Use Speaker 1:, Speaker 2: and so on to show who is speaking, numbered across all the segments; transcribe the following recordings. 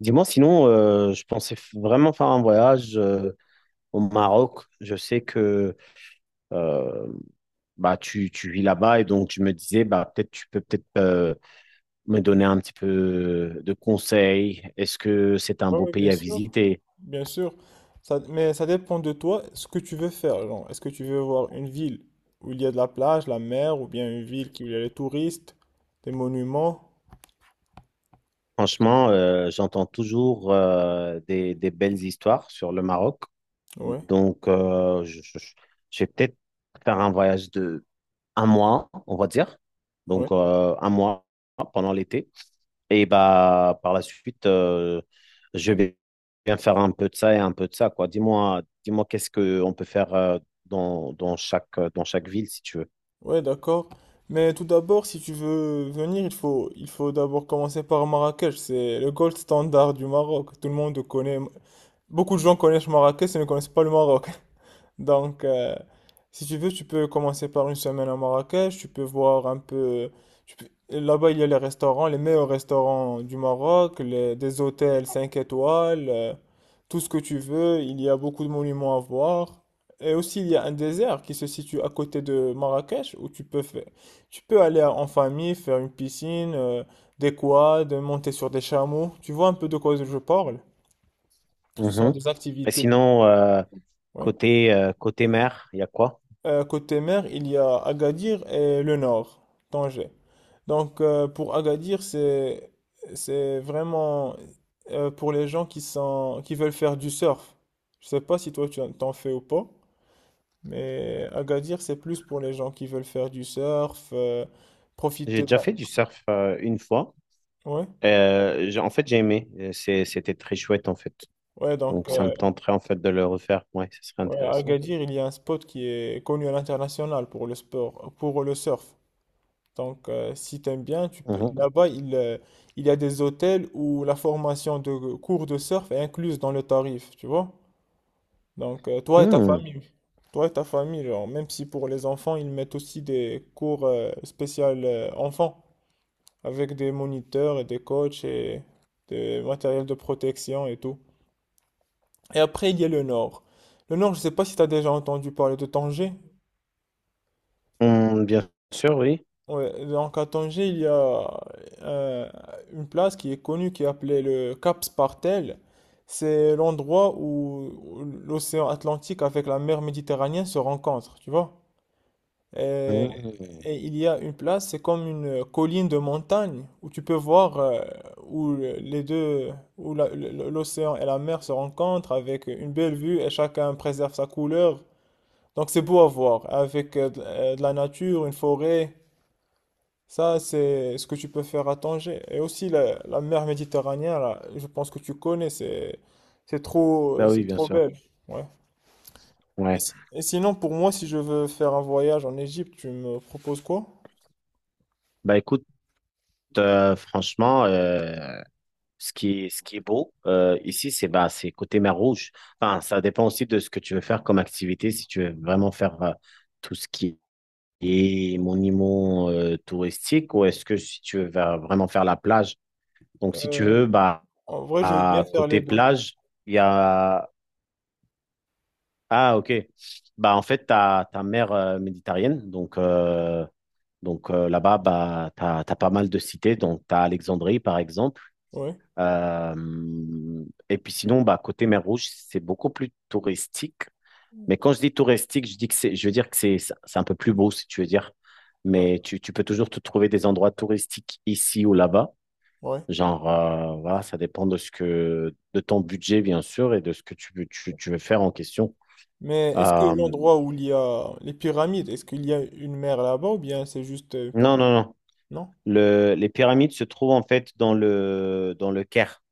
Speaker 1: Dis-moi, sinon, je pensais vraiment faire un voyage au Maroc. Je sais que euh, bah, tu vis là-bas et donc je me disais, bah, peut-être tu peux peut-être me donner un petit peu de conseils. Est-ce que c'est un
Speaker 2: Oui,
Speaker 1: beau
Speaker 2: oui, bien
Speaker 1: pays à
Speaker 2: sûr,
Speaker 1: visiter?
Speaker 2: bien sûr. Mais ça dépend de toi, ce que tu veux faire, genre, est-ce que tu veux voir une ville où il y a de la plage, la mer, ou bien une ville où il y a les touristes, des monuments?
Speaker 1: Franchement, j'entends toujours des belles histoires sur le Maroc.
Speaker 2: Ouais,
Speaker 1: Donc, je vais peut-être faire un voyage de un mois, on va dire.
Speaker 2: ouais,
Speaker 1: Donc, un mois pendant l'été. Et bah, par la suite, je vais bien faire un peu de ça et un peu de ça, quoi. Dis-moi, dis-moi qu'est-ce qu'on peut faire dans chaque ville, si tu veux.
Speaker 2: ouais, d'accord. Mais tout d'abord, si tu veux venir, il faut d'abord commencer par Marrakech. C'est le gold standard du Maroc. Tout le monde connaît. Beaucoup de gens connaissent Marrakech, mais ne connaissent pas le Maroc. Donc, si tu veux, tu peux commencer par une semaine à Marrakech, tu peux voir un peu. Là-bas, il y a les restaurants, les meilleurs restaurants du Maroc, des hôtels 5 étoiles, tout ce que tu veux, il y a beaucoup de monuments à voir. Et aussi, il y a un désert qui se situe à côté de Marrakech où tu peux faire, tu peux aller en famille, faire une piscine, des quads, monter sur des chameaux. Tu vois un peu de quoi je parle? Ce sont
Speaker 1: Mhm.
Speaker 2: des
Speaker 1: Et
Speaker 2: activités.
Speaker 1: sinon,
Speaker 2: Oui.
Speaker 1: côté mer, il y a quoi?
Speaker 2: Côté mer, il y a Agadir et le nord, Tanger. Donc pour Agadir, c'est vraiment pour les gens qui veulent faire du surf. Je sais pas si toi t'en fais ou pas, mais Agadir, c'est plus pour les gens qui veulent faire du surf,
Speaker 1: J'ai
Speaker 2: profiter de
Speaker 1: déjà
Speaker 2: la.
Speaker 1: fait du surf une fois.
Speaker 2: Ouais.
Speaker 1: En fait, j'ai aimé. C'était très chouette, en fait.
Speaker 2: Ouais, donc
Speaker 1: Donc, ça me tenterait, en fait, de le refaire. Ouais, ce serait
Speaker 2: ouais, à
Speaker 1: intéressant.
Speaker 2: Agadir, il y a un spot qui est connu à l'international pour le sport, pour le surf. Donc, si t'aimes bien, tu peux.
Speaker 1: Mhm.
Speaker 2: Là-bas, il y a des hôtels où la formation de cours de surf est incluse dans le tarif, tu vois? Donc,
Speaker 1: Hmm.
Speaker 2: toi et ta famille, genre, même si pour les enfants, ils mettent aussi des cours spéciaux enfants, avec des moniteurs et des coachs et des matériels de protection et tout. Et après, il y a le nord. Le nord, je sais pas si tu as déjà entendu parler de Tanger.
Speaker 1: Hmm, bien sûr, oui.
Speaker 2: Ouais, donc à Tanger, il y a euh, une place qui est connue qui est appelée le Cap Spartel. C'est l'endroit où l'océan Atlantique avec la mer Méditerranée se rencontrent, tu vois. Et,
Speaker 1: Hmm.
Speaker 2: et il y a une place, c'est comme une colline de montagne où tu peux voir où les deux, où l'océan et la mer se rencontrent avec une belle vue et chacun préserve sa couleur. Donc c'est beau à voir, avec de la nature, une forêt. Ça, c'est ce que tu peux faire à Tanger. Et aussi la mer Méditerranée, là, je pense que tu connais, c'est c'est trop
Speaker 1: Bah oui,
Speaker 2: c'est
Speaker 1: bien
Speaker 2: trop
Speaker 1: sûr.
Speaker 2: belle. Ouais. Et,
Speaker 1: Ouais.
Speaker 2: si- et sinon, pour moi, si je veux faire un voyage en Égypte, tu me proposes quoi?
Speaker 1: Bah écoute, franchement, ce qui est beau ici, c'est côté mer Rouge. Enfin, ça dépend aussi de ce que tu veux faire comme activité. Si tu veux vraiment faire tout ce qui est monument touristique ou est-ce que si tu veux vraiment faire la plage. Donc, si tu
Speaker 2: Euh,
Speaker 1: veux, bah,
Speaker 2: en vrai, je veux
Speaker 1: à
Speaker 2: bien faire
Speaker 1: côté
Speaker 2: les deux.
Speaker 1: plage, il y a. Ah, ok. Bah, en fait, tu as ta mer méditerranéenne. Donc, là-bas, bah, tu as pas mal de cités. Donc, tu as Alexandrie, par exemple.
Speaker 2: Ouais.
Speaker 1: Et puis sinon, bah, côté mer Rouge, c'est beaucoup plus touristique. Mais quand je dis touristique, je veux dire que c'est un peu plus beau, si tu veux dire.
Speaker 2: Ah,
Speaker 1: Mais tu peux toujours te trouver des endroits touristiques ici ou là-bas.
Speaker 2: ouais.
Speaker 1: Genre, voilà, ça dépend de de ton budget, bien sûr, et de ce que tu veux faire en question.
Speaker 2: Mais est-ce que
Speaker 1: Euh,
Speaker 2: l'endroit où il y a les pyramides, est-ce qu'il y a une mer là-bas ou bien c'est juste une
Speaker 1: non,
Speaker 2: partie?
Speaker 1: non, non.
Speaker 2: Non?
Speaker 1: Les pyramides se trouvent en fait dans le Caire.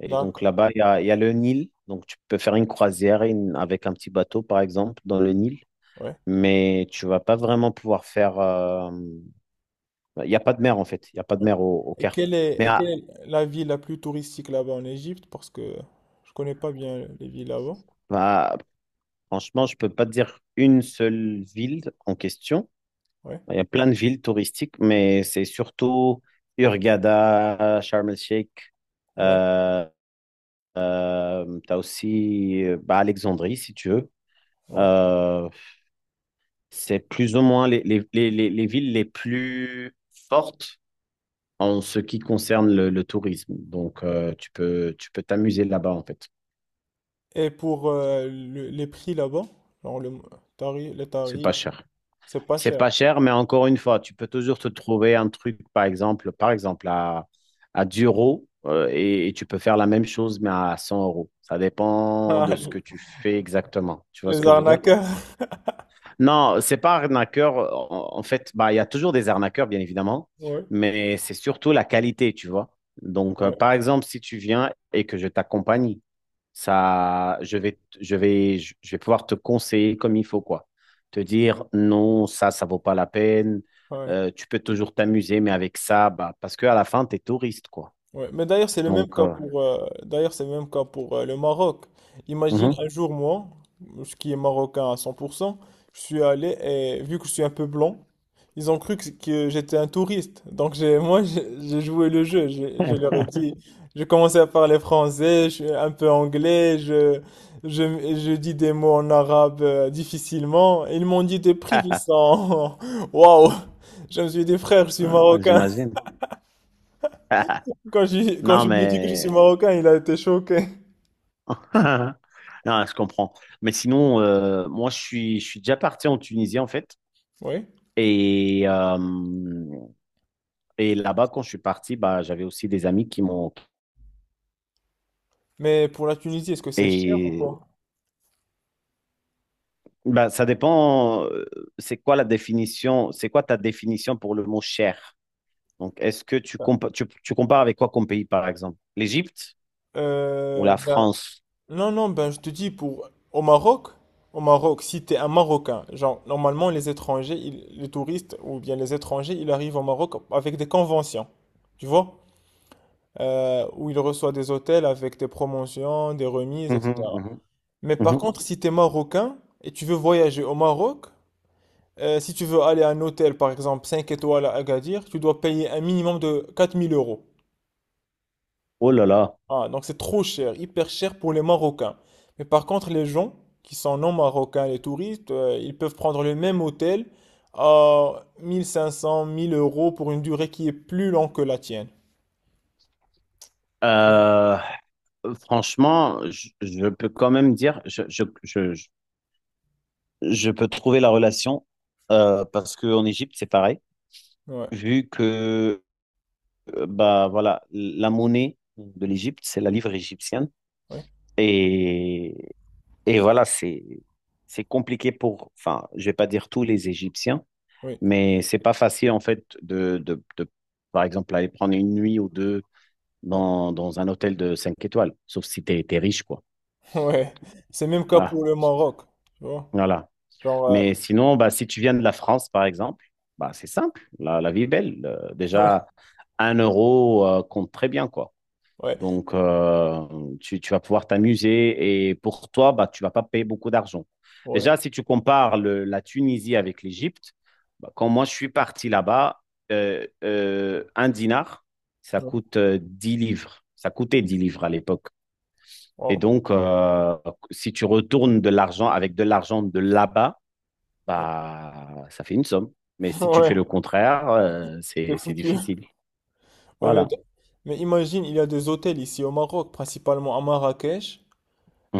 Speaker 1: Et donc
Speaker 2: D'accord.
Speaker 1: là-bas, il y a le Nil. Donc tu peux faire une croisière avec un petit bateau, par exemple, dans le Nil.
Speaker 2: Ouais.
Speaker 1: Mais tu vas pas vraiment pouvoir faire. Il n'y a pas de mer, en fait. Il n'y a pas de
Speaker 2: Ouais.
Speaker 1: mer au
Speaker 2: Et
Speaker 1: Caire.
Speaker 2: quelle est,
Speaker 1: Mais
Speaker 2: et quelle
Speaker 1: ah,
Speaker 2: est la ville la plus touristique là-bas en Égypte? Parce que je connais pas bien les villes là-bas.
Speaker 1: bah, franchement, je peux pas te dire une seule ville en question.
Speaker 2: Ouais,
Speaker 1: Il y a plein de villes touristiques, mais c'est surtout Hurghada, Sharm el-Sheikh.
Speaker 2: ouais,
Speaker 1: Euh, tu as aussi bah, Alexandrie, si tu veux.
Speaker 2: ouais.
Speaker 1: Euh, C'est plus ou moins les villes les plus fortes en ce qui concerne le tourisme. Donc, tu peux t'amuser là-bas, en fait.
Speaker 2: Et pour les prix là-bas, genre les
Speaker 1: C'est pas
Speaker 2: tarifs,
Speaker 1: cher.
Speaker 2: c'est pas
Speaker 1: C'est
Speaker 2: cher.
Speaker 1: pas cher, mais encore une fois, tu peux toujours te trouver un truc, par exemple, à 10 et tu peux faire la même chose, mais à 100 euros. Ça dépend
Speaker 2: Ah,
Speaker 1: de ce
Speaker 2: les
Speaker 1: que tu fais exactement. Tu vois ce
Speaker 2: les
Speaker 1: que je veux dire?
Speaker 2: arnaqueurs.
Speaker 1: Non, c'est pas arnaqueur. En fait, bah, il y a toujours des arnaqueurs, bien évidemment,
Speaker 2: Ouais,
Speaker 1: mais c'est surtout la qualité, tu vois. Donc,
Speaker 2: ouais,
Speaker 1: par exemple, si tu viens et que je t'accompagne, ça, je vais, t- je vais pouvoir te conseiller comme il faut, quoi. Te dire non, ça vaut pas la peine.
Speaker 2: ouais.
Speaker 1: Tu peux toujours t'amuser, mais avec ça, bah, parce qu'à la fin, tu es touriste, quoi.
Speaker 2: Ouais, mais d'ailleurs,
Speaker 1: Donc,
Speaker 2: c'est le même cas pour le Maroc. Imagine
Speaker 1: mhm.
Speaker 2: un jour, moi, ce qui est marocain à 100%, je suis allé et vu que je suis un peu blanc, ils ont cru que j'étais un touriste. Donc, j'ai, moi, j'ai joué le jeu. J'ai je leur ai dit, je commençais à parler français, je suis un peu anglais, je, dis des mots en arabe difficilement. Et ils m'ont dit des prix qui sont, waouh! Je me suis dit, frère, je suis
Speaker 1: Ouais, ouais,
Speaker 2: marocain.
Speaker 1: j'imagine.
Speaker 2: Quand
Speaker 1: Non,
Speaker 2: je lui ai dit que je suis
Speaker 1: mais
Speaker 2: marocain, il a été choqué.
Speaker 1: Non, je comprends. Mais sinon, moi, je suis déjà parti en Tunisie, en fait.
Speaker 2: Oui.
Speaker 1: Et, euh, et là-bas, quand je suis parti, bah, j'avais aussi des amis qui m'ont.
Speaker 2: Mais pour la Tunisie, est-ce que c'est cher ou
Speaker 1: Et
Speaker 2: pas?
Speaker 1: bah, ça dépend, c'est quoi ta définition pour le mot cher? Donc, est-ce que tu compares avec quoi comme pays, par exemple? L'Égypte ou la
Speaker 2: Ben,
Speaker 1: France?
Speaker 2: non, non, ben, je te dis, au Maroc, si t'es un Marocain, genre, normalement, les étrangers, les touristes ou bien les étrangers, ils arrivent au Maroc avec des conventions, tu vois? Où ils reçoivent des hôtels avec des promotions, des remises,
Speaker 1: Mhm,
Speaker 2: etc.
Speaker 1: mhm,
Speaker 2: Mais par
Speaker 1: mhm.
Speaker 2: contre, si t'es Marocain et tu veux voyager au Maroc, si tu veux aller à un hôtel, par exemple, 5 étoiles à Agadir, tu dois payer un minimum de 4000 euros.
Speaker 1: Oh là là.
Speaker 2: Ah, donc c'est trop cher, hyper cher pour les Marocains. Mais par contre, les gens qui sont non marocains, les touristes, ils peuvent prendre le même hôtel à 1500 1000 euros pour une durée qui est plus longue que la tienne.
Speaker 1: Euh, franchement, je peux quand même dire, je- je peux trouver la relation parce qu'en Égypte, c'est pareil,
Speaker 2: Ouais,
Speaker 1: vu que bah, voilà, la monnaie de l'Égypte, c'est la livre égyptienne.
Speaker 2: ouais,
Speaker 1: Et, et voilà, c'est compliqué pour, enfin, je vais pas dire tous les Égyptiens,
Speaker 2: oui,
Speaker 1: mais c'est pas facile en fait de, par exemple, aller prendre une nuit ou deux
Speaker 2: ouais.
Speaker 1: dans un hôtel de 5 étoiles, sauf si tu es riche, quoi.
Speaker 2: Ouais. C'est même cas
Speaker 1: Voilà.
Speaker 2: pour le Maroc. Tu vois?
Speaker 1: Voilà.
Speaker 2: Genre,
Speaker 1: Mais sinon, bah, si tu viens de la France, par exemple, bah, c'est simple. La vie est belle. Déjà, un euro compte très bien, quoi.
Speaker 2: ouais,
Speaker 1: Donc, tu vas pouvoir t'amuser et pour toi, bah, tu vas pas payer beaucoup d'argent.
Speaker 2: ouais,
Speaker 1: Déjà, si tu compares la Tunisie avec l'Égypte, bah, quand moi je suis parti là-bas, un dinar, ça
Speaker 2: ouais,
Speaker 1: coûte 10 livres. Ça coûtait 10 livres à l'époque. Et
Speaker 2: oh,
Speaker 1: donc, si tu retournes de l'argent avec de l'argent de là-bas,
Speaker 2: ouais,
Speaker 1: bah, ça fait une somme. Mais si tu fais
Speaker 2: ouais,
Speaker 1: le contraire,
Speaker 2: c'est
Speaker 1: c'est
Speaker 2: foutu.
Speaker 1: difficile.
Speaker 2: Ouais, mais,
Speaker 1: Voilà.
Speaker 2: mais imagine, il y a des hôtels ici au Maroc, principalement à Marrakech,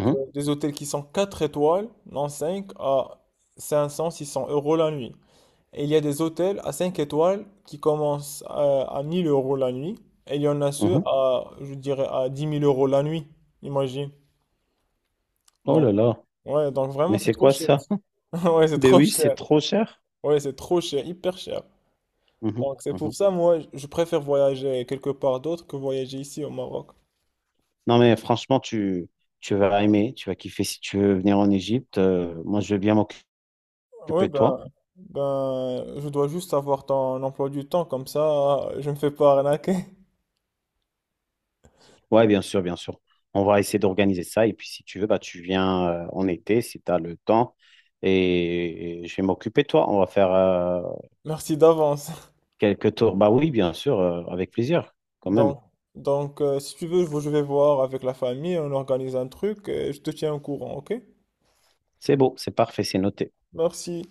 Speaker 2: des hôtels qui sont 4 étoiles, non 5 à cinq cents six cents euros la nuit. Et il y a des hôtels à 5 étoiles qui commencent à 1 000 € la nuit, et il y en a ceux
Speaker 1: mhm.
Speaker 2: à, je dirais, à 10 000 € la nuit, imagine.
Speaker 1: Oh
Speaker 2: Donc,
Speaker 1: là là.
Speaker 2: ouais, donc vraiment,
Speaker 1: Mais
Speaker 2: c'est
Speaker 1: c'est
Speaker 2: trop
Speaker 1: quoi
Speaker 2: cher.
Speaker 1: ça?
Speaker 2: ici. Ouais, c'est
Speaker 1: Ben
Speaker 2: trop
Speaker 1: oui, c'est
Speaker 2: cher.
Speaker 1: trop cher.
Speaker 2: Ouais, c'est trop cher, hyper cher.
Speaker 1: Mhm,
Speaker 2: Donc, c'est pour
Speaker 1: mhm.
Speaker 2: ça, moi, je préfère voyager quelque part d'autre que voyager ici au Maroc.
Speaker 1: Non, mais franchement, tu vas aimer, tu vas kiffer si tu veux venir en Égypte. Moi, je veux bien m'occuper
Speaker 2: Ouais,
Speaker 1: de toi.
Speaker 2: ben, je dois juste avoir ton emploi du temps, comme ça, je me fais pas arnaquer.
Speaker 1: Ouais, bien sûr, bien sûr. On va essayer d'organiser ça. Et puis, si tu veux, bah, tu viens en été, si tu as le temps. Et je vais m'occuper de toi. On va faire
Speaker 2: Merci d'avance.
Speaker 1: quelques tours. Bah oui, bien sûr, avec plaisir, quand même.
Speaker 2: Donc, donc, si tu veux, je vais voir avec la famille, on organise un truc et je te tiens au courant, ok?
Speaker 1: C'est beau, c'est parfait, c'est noté.
Speaker 2: Merci.